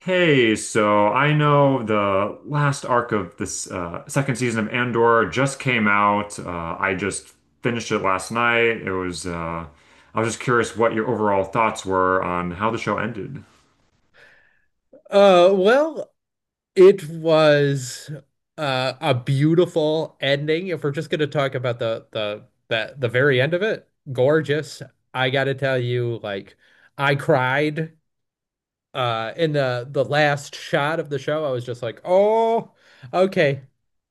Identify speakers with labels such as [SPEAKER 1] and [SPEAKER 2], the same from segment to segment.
[SPEAKER 1] Hey, so I know the last arc of this second season of Andor just came out. I just finished it last night. I was just curious what your overall thoughts were on how the show ended.
[SPEAKER 2] Uh, well, it was a beautiful ending. If we're just going to talk about the very end of it, gorgeous. I got to tell you, like, I cried. In the last shot of the show, I was just like, "Oh, okay."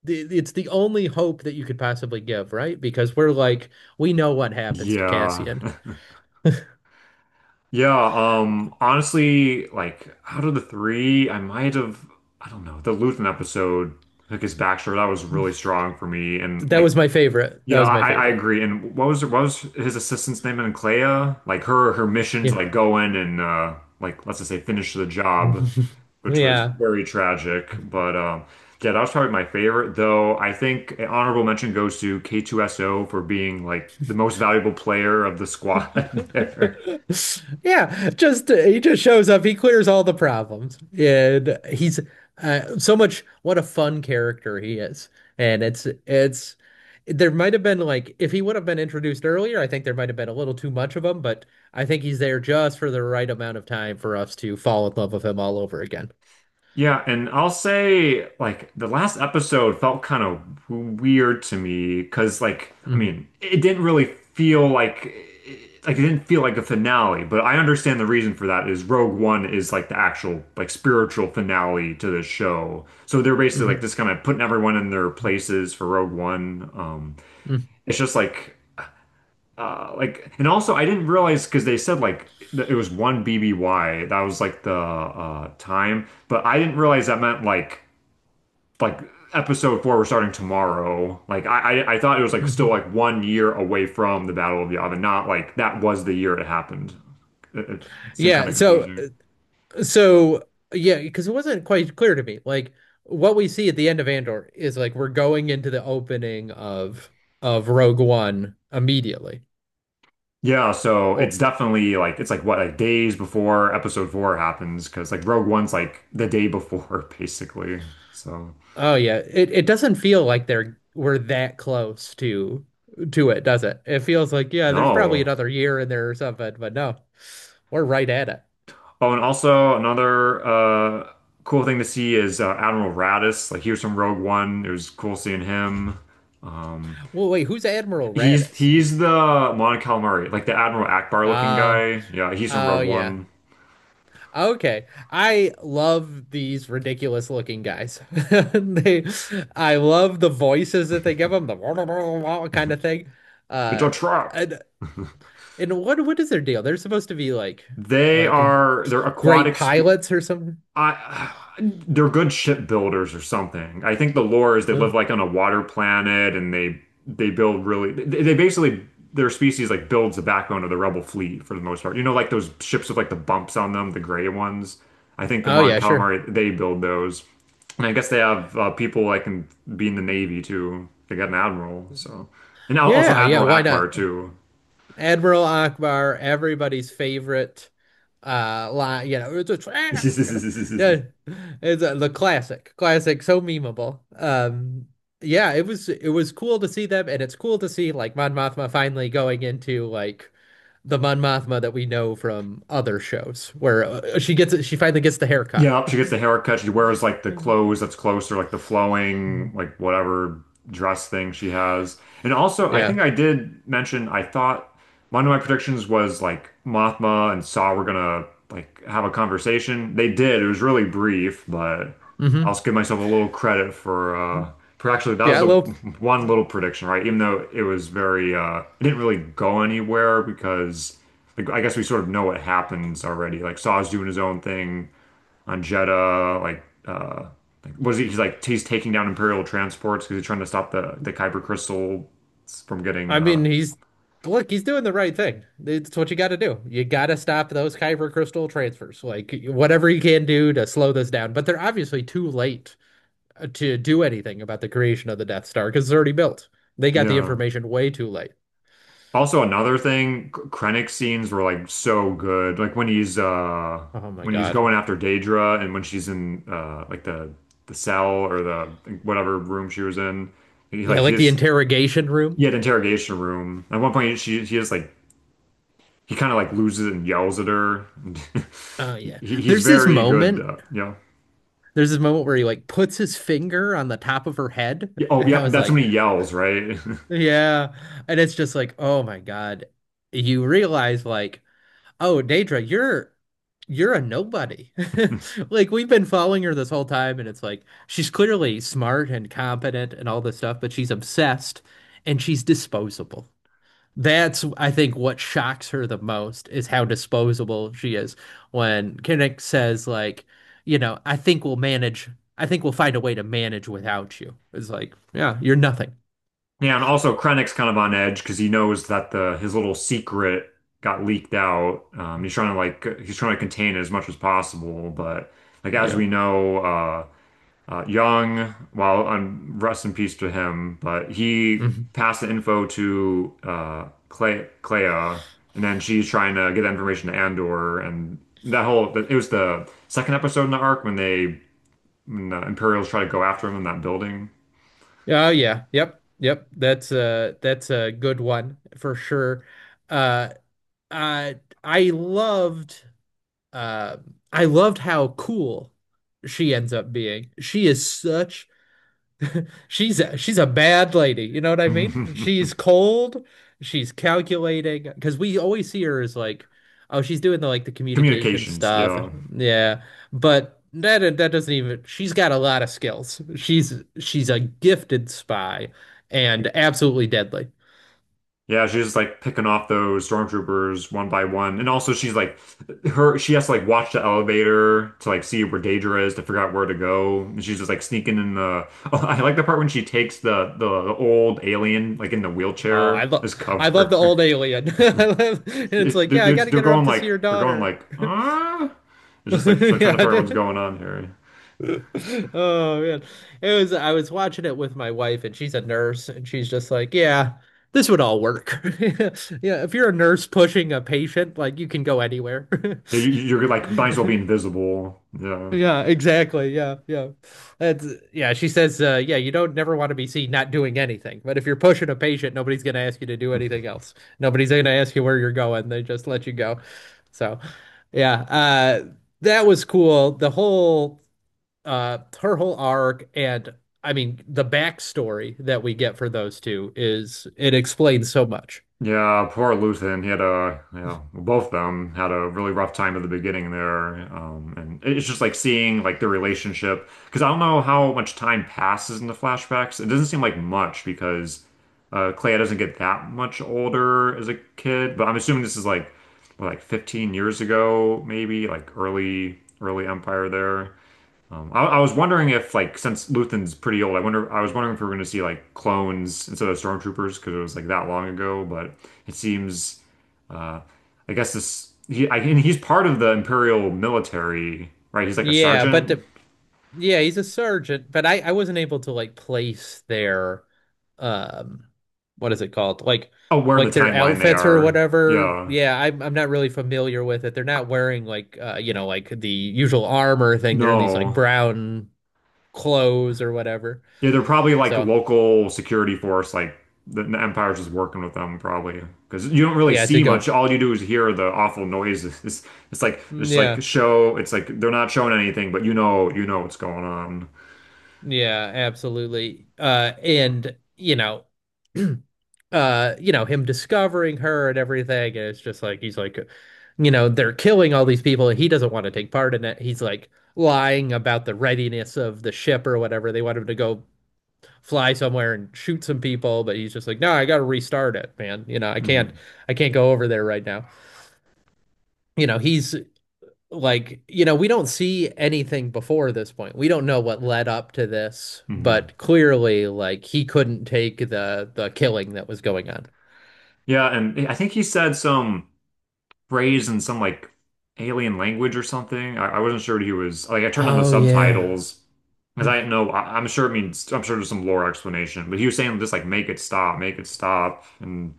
[SPEAKER 2] It's the only hope that you could possibly give, right? Because we're like, we know what happens to
[SPEAKER 1] Yeah.
[SPEAKER 2] Cassian.
[SPEAKER 1] Yeah, honestly, like out of the three, I might have, I don't know, the Luthen episode, like his backstory, that was really strong for me. And,
[SPEAKER 2] That
[SPEAKER 1] like,
[SPEAKER 2] was my favorite. That
[SPEAKER 1] yeah,
[SPEAKER 2] was my
[SPEAKER 1] I
[SPEAKER 2] favorite.
[SPEAKER 1] agree. And what was his assistant's name in Clea? Like her mission to
[SPEAKER 2] Yeah.
[SPEAKER 1] like go in and like let's just say finish the job, which was
[SPEAKER 2] Yeah.
[SPEAKER 1] very tragic. But yeah, that was probably my favorite, though I think an honorable mention goes to K2SO for being like the most valuable player of the squad there.
[SPEAKER 2] Yeah, just he just shows up. He clears all the problems, and he's so much. What a fun character he is, and it's. There might have been like if he would have been introduced earlier, I think there might have been a little too much of him, but I think he's there just for the right amount of time for us to fall in love with him all over again.
[SPEAKER 1] Yeah, and I'll say like the last episode felt kind of weird to me because, like, I
[SPEAKER 2] Mm,
[SPEAKER 1] mean, it didn't really feel like, it didn't feel like a finale, but I understand the reason for that is Rogue One is like the actual like spiritual finale to the show. So they're basically like
[SPEAKER 2] mhm,
[SPEAKER 1] just kind of putting everyone in their places for Rogue One.
[SPEAKER 2] mm,
[SPEAKER 1] It's just like and also I didn't realize because they said like that it was 1 BBY. That was like the time, but I didn't realize that meant like, like episode four we're starting tomorrow, like I thought it was like still
[SPEAKER 2] mhm.
[SPEAKER 1] like one year away from the Battle of Yavin, not like that was the year it happened. It seemed kind
[SPEAKER 2] Yeah,
[SPEAKER 1] of
[SPEAKER 2] so
[SPEAKER 1] confusing.
[SPEAKER 2] So yeah, because it wasn't quite clear to me. Like what we see at the end of Andor is like we're going into the opening of Rogue One immediately.
[SPEAKER 1] Yeah, so
[SPEAKER 2] Oh,
[SPEAKER 1] it's definitely like, it's like, what, like days before episode four happens because like Rogue One's like the day before basically, so
[SPEAKER 2] oh yeah. It doesn't feel like they're we're that close to it, does it? It feels like yeah, there's probably
[SPEAKER 1] no.
[SPEAKER 2] another year in there or something, but no, we're right at it.
[SPEAKER 1] Oh, and also another cool thing to see is Admiral Radis, like he was from Rogue One. It was cool seeing him. um
[SPEAKER 2] Well, wait, who's Admiral
[SPEAKER 1] He's
[SPEAKER 2] Raddus?
[SPEAKER 1] he's the Mon Calamari, like the Admiral Akbar looking
[SPEAKER 2] Ah,
[SPEAKER 1] guy. Yeah, he's from
[SPEAKER 2] oh
[SPEAKER 1] Rogue
[SPEAKER 2] yeah.
[SPEAKER 1] One.
[SPEAKER 2] Okay. I love these ridiculous looking guys. They I love the voices that they give them, the kind of thing.
[SPEAKER 1] It's
[SPEAKER 2] Uh
[SPEAKER 1] a trap.
[SPEAKER 2] and, and what is their deal? They're supposed to be like
[SPEAKER 1] They
[SPEAKER 2] like
[SPEAKER 1] are they're
[SPEAKER 2] great
[SPEAKER 1] aquatic spe
[SPEAKER 2] pilots or something.
[SPEAKER 1] I they're good shipbuilders or something. I think the lore is they
[SPEAKER 2] Oh,
[SPEAKER 1] live like on a water planet, and they build really, they basically their species like builds the backbone of the rebel fleet for the most part. You know, like those ships with like the bumps on them, the gray ones. I think the
[SPEAKER 2] oh
[SPEAKER 1] Mon
[SPEAKER 2] yeah, sure.
[SPEAKER 1] Calamari they build those, and I guess they have people like in be in the navy too. They got an admiral, so, and also
[SPEAKER 2] Yeah, yeah,
[SPEAKER 1] Admiral
[SPEAKER 2] why
[SPEAKER 1] Akbar
[SPEAKER 2] not?
[SPEAKER 1] too.
[SPEAKER 2] Admiral Akbar, everybody's favorite line, you know, it's a trap, you know. The- It's the classic, classic, so memeable. Yeah, it was cool to see them, and it's cool to see like Mon Mothma finally going into like the Mon Mothma that we know from other shows where she gets she finally gets the haircut.
[SPEAKER 1] Yeah, she gets the haircut. She wears like the
[SPEAKER 2] Mhm.
[SPEAKER 1] clothes that's closer, like the flowing, like whatever dress thing she has. And also, I think
[SPEAKER 2] Yeah.
[SPEAKER 1] I did mention I thought one of my predictions was like Mothma and Saw were gonna like have a conversation. They did. It was really brief, but I'll
[SPEAKER 2] Hmm.
[SPEAKER 1] just give myself a little credit for for actually that was
[SPEAKER 2] Yeah, a
[SPEAKER 1] the
[SPEAKER 2] little.
[SPEAKER 1] one little prediction, right? Even though it was very it didn't really go anywhere because, like, I guess we sort of know what happens already. Like Saw's doing his own thing on Jeddah, like what is he, he's taking down Imperial transports because he's trying to stop the Kyber crystal from getting
[SPEAKER 2] I mean, he's look, he's doing the right thing. It's what you got to do. You got to stop those Kyber crystal transfers. Like whatever you can do to slow this down. But they're obviously too late to do anything about the creation of the Death Star because it's already built. They got the
[SPEAKER 1] yeah.
[SPEAKER 2] information way too late.
[SPEAKER 1] Also another thing, Krennic scenes were like so good. Like when he's uh
[SPEAKER 2] Oh my
[SPEAKER 1] when he's
[SPEAKER 2] God.
[SPEAKER 1] going after Daedra and when she's in like the cell, or, the like, whatever room she was in. He
[SPEAKER 2] Yeah,
[SPEAKER 1] like
[SPEAKER 2] like the
[SPEAKER 1] his
[SPEAKER 2] interrogation room.
[SPEAKER 1] he had interrogation room. At one point she he is like he kind of like loses it and yells at her.
[SPEAKER 2] Oh
[SPEAKER 1] he,
[SPEAKER 2] yeah.
[SPEAKER 1] he's
[SPEAKER 2] There's this
[SPEAKER 1] very good,
[SPEAKER 2] moment.
[SPEAKER 1] yeah.
[SPEAKER 2] There's this moment where he like puts his finger on the top of her head,
[SPEAKER 1] Yeah. Oh,
[SPEAKER 2] and I
[SPEAKER 1] yep.
[SPEAKER 2] was
[SPEAKER 1] That's
[SPEAKER 2] like,
[SPEAKER 1] when he yells, right?
[SPEAKER 2] "Yeah," and it's just like, "Oh my God!" You realize like Oh, Daedra, you're a nobody. Like we've been following her this whole time, and it's like she's clearly smart and competent and all this stuff, but she's obsessed and she's disposable. That's, I think, what shocks her the most is how disposable she is. When Kinnick says, like, I think we'll manage, I think we'll find a way to manage without you. It's like, yeah, you're nothing.
[SPEAKER 1] Yeah, and also Krennic's kind of on edge because he knows that the his little secret got leaked out. He's trying to contain it as much as possible, but like as
[SPEAKER 2] Yeah.
[SPEAKER 1] we know, Young, well, rest in peace to him, but he passed the info to Clea, and then she's trying to get that information to Andor, and that whole it was the second episode in the arc when they when the Imperials try to go after him in that building.
[SPEAKER 2] Oh yeah. Yep. Yep. That's a good one for sure. Uh uh I loved uh I loved how cool she ends up being. She is such she's a bad lady, you know what I mean? She's cold, she's calculating, because we always see her as like, oh, she's doing the like the communication
[SPEAKER 1] Communications,
[SPEAKER 2] stuff.
[SPEAKER 1] yeah.
[SPEAKER 2] Yeah. But that doesn't even she's got a lot of skills. She's a gifted spy and absolutely deadly.
[SPEAKER 1] Yeah, she's just like picking off those stormtroopers one by one. And also she has to like watch the elevator to like see where Daedra is to figure out where to go. And she's just like sneaking in the oh, I like the part when she takes the old alien like in the
[SPEAKER 2] Oh,
[SPEAKER 1] wheelchair as
[SPEAKER 2] I love the
[SPEAKER 1] cover.
[SPEAKER 2] old alien. I love, and it's
[SPEAKER 1] It,
[SPEAKER 2] like, yeah, I
[SPEAKER 1] they're,
[SPEAKER 2] gotta
[SPEAKER 1] they're
[SPEAKER 2] get her up
[SPEAKER 1] going,
[SPEAKER 2] to see
[SPEAKER 1] like,
[SPEAKER 2] her
[SPEAKER 1] they're going
[SPEAKER 2] daughter.
[SPEAKER 1] like uh? It's just like trying to figure out what's
[SPEAKER 2] Yeah.
[SPEAKER 1] going on here.
[SPEAKER 2] Oh man. It was I was watching it with my wife and she's a nurse and she's just like, yeah, this would all work. Yeah, if you're a nurse pushing a patient, like you can go anywhere.
[SPEAKER 1] You're like might as well be invisible. Yeah.
[SPEAKER 2] Yeah, exactly. Yeah, yeah. That's yeah, she says yeah, you don't never want to be seen not doing anything. But if you're pushing a patient, nobody's going to ask you to do anything else. Nobody's going to ask you where you're going. They just let you go. So, yeah, that was cool. The whole her whole arc and I mean the backstory that we get for those two is it explains so much.
[SPEAKER 1] Yeah, poor Luthen. He had a, both of them had a really rough time at the beginning there. And it's just like seeing like their relationship because I don't know how much time passes in the flashbacks. It doesn't seem like much because Clea doesn't get that much older as a kid, but I'm assuming this is like, what, like 15 years ago, maybe like early early Empire there. I was wondering if, like, since Luthen's pretty old, I was wondering if we were going to see like clones instead of stormtroopers because it was like that long ago. But it seems uh, I guess and he's part of the Imperial military, right? He's like a
[SPEAKER 2] Yeah, but
[SPEAKER 1] sergeant.
[SPEAKER 2] the, yeah, he's a surgeon, but I wasn't able to like place their um what is it called? Like
[SPEAKER 1] Oh, where in the
[SPEAKER 2] their
[SPEAKER 1] timeline they
[SPEAKER 2] outfits or
[SPEAKER 1] are?
[SPEAKER 2] whatever.
[SPEAKER 1] Yeah.
[SPEAKER 2] Yeah, I'm not really familiar with it. They're not wearing like you know like the usual armor thing. They're in these like
[SPEAKER 1] No.
[SPEAKER 2] brown clothes or whatever.
[SPEAKER 1] Yeah, they're probably like
[SPEAKER 2] So,
[SPEAKER 1] local security force, like the Empire's just working with them probably. Because you don't really
[SPEAKER 2] yeah, to
[SPEAKER 1] see much.
[SPEAKER 2] go
[SPEAKER 1] All you do is hear the awful noises. It's like just like
[SPEAKER 2] yeah.
[SPEAKER 1] show. It's like they're not showing anything, but you know what's going on.
[SPEAKER 2] Yeah, absolutely. And you know, you know, him discovering her and everything, and it's just like he's like, you know, they're killing all these people, and he doesn't want to take part in it. He's like lying about the readiness of the ship or whatever. They want him to go fly somewhere and shoot some people, but he's just like, no, I got to restart it, man. You know,
[SPEAKER 1] Hmm.
[SPEAKER 2] I can't go over there right now. You know, he's like you know we don't see anything before this point. We don't know what led up to this,
[SPEAKER 1] Hmm.
[SPEAKER 2] but clearly like he couldn't take the killing that was going on.
[SPEAKER 1] Yeah, and I think he said some phrase in some like alien language or something. I wasn't sure what he was like. I turned on the
[SPEAKER 2] Oh yeah.
[SPEAKER 1] subtitles because
[SPEAKER 2] Hmm.
[SPEAKER 1] I didn't know. I'm sure it means. I'm sure there's some lore explanation, but he was saying just like, make it stop, and.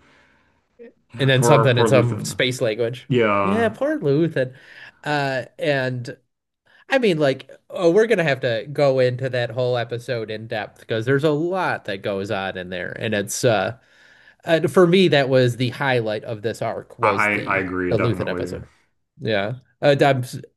[SPEAKER 2] And
[SPEAKER 1] Yeah,
[SPEAKER 2] then
[SPEAKER 1] poor
[SPEAKER 2] something in
[SPEAKER 1] poor
[SPEAKER 2] some
[SPEAKER 1] Luthen.
[SPEAKER 2] space language.
[SPEAKER 1] Yeah,
[SPEAKER 2] Yeah, poor Luthen. And I mean like oh we're gonna have to go into that whole episode in depth because there's a lot that goes on in there, and it's for me, that was the highlight of this arc
[SPEAKER 1] I
[SPEAKER 2] was
[SPEAKER 1] I I
[SPEAKER 2] the
[SPEAKER 1] agree
[SPEAKER 2] the Luthen
[SPEAKER 1] definitely.
[SPEAKER 2] episode. Yeah,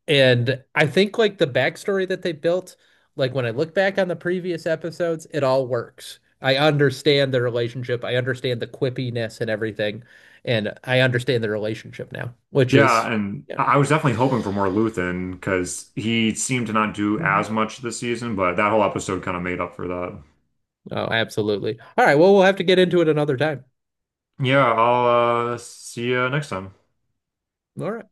[SPEAKER 2] and I think like the backstory that they built, like when I look back on the previous episodes, it all works. I understand the relationship. I understand the quippiness and everything, and I understand the relationship now, which
[SPEAKER 1] Yeah,
[SPEAKER 2] is
[SPEAKER 1] and
[SPEAKER 2] yeah.
[SPEAKER 1] I was definitely hoping for more Luthen because he seemed to not do
[SPEAKER 2] Mhm.
[SPEAKER 1] as much this season, but that whole episode kind of made up for that.
[SPEAKER 2] Oh, absolutely. All right. Well, we'll have to get into it another time.
[SPEAKER 1] Yeah, I'll see you next time.
[SPEAKER 2] All right.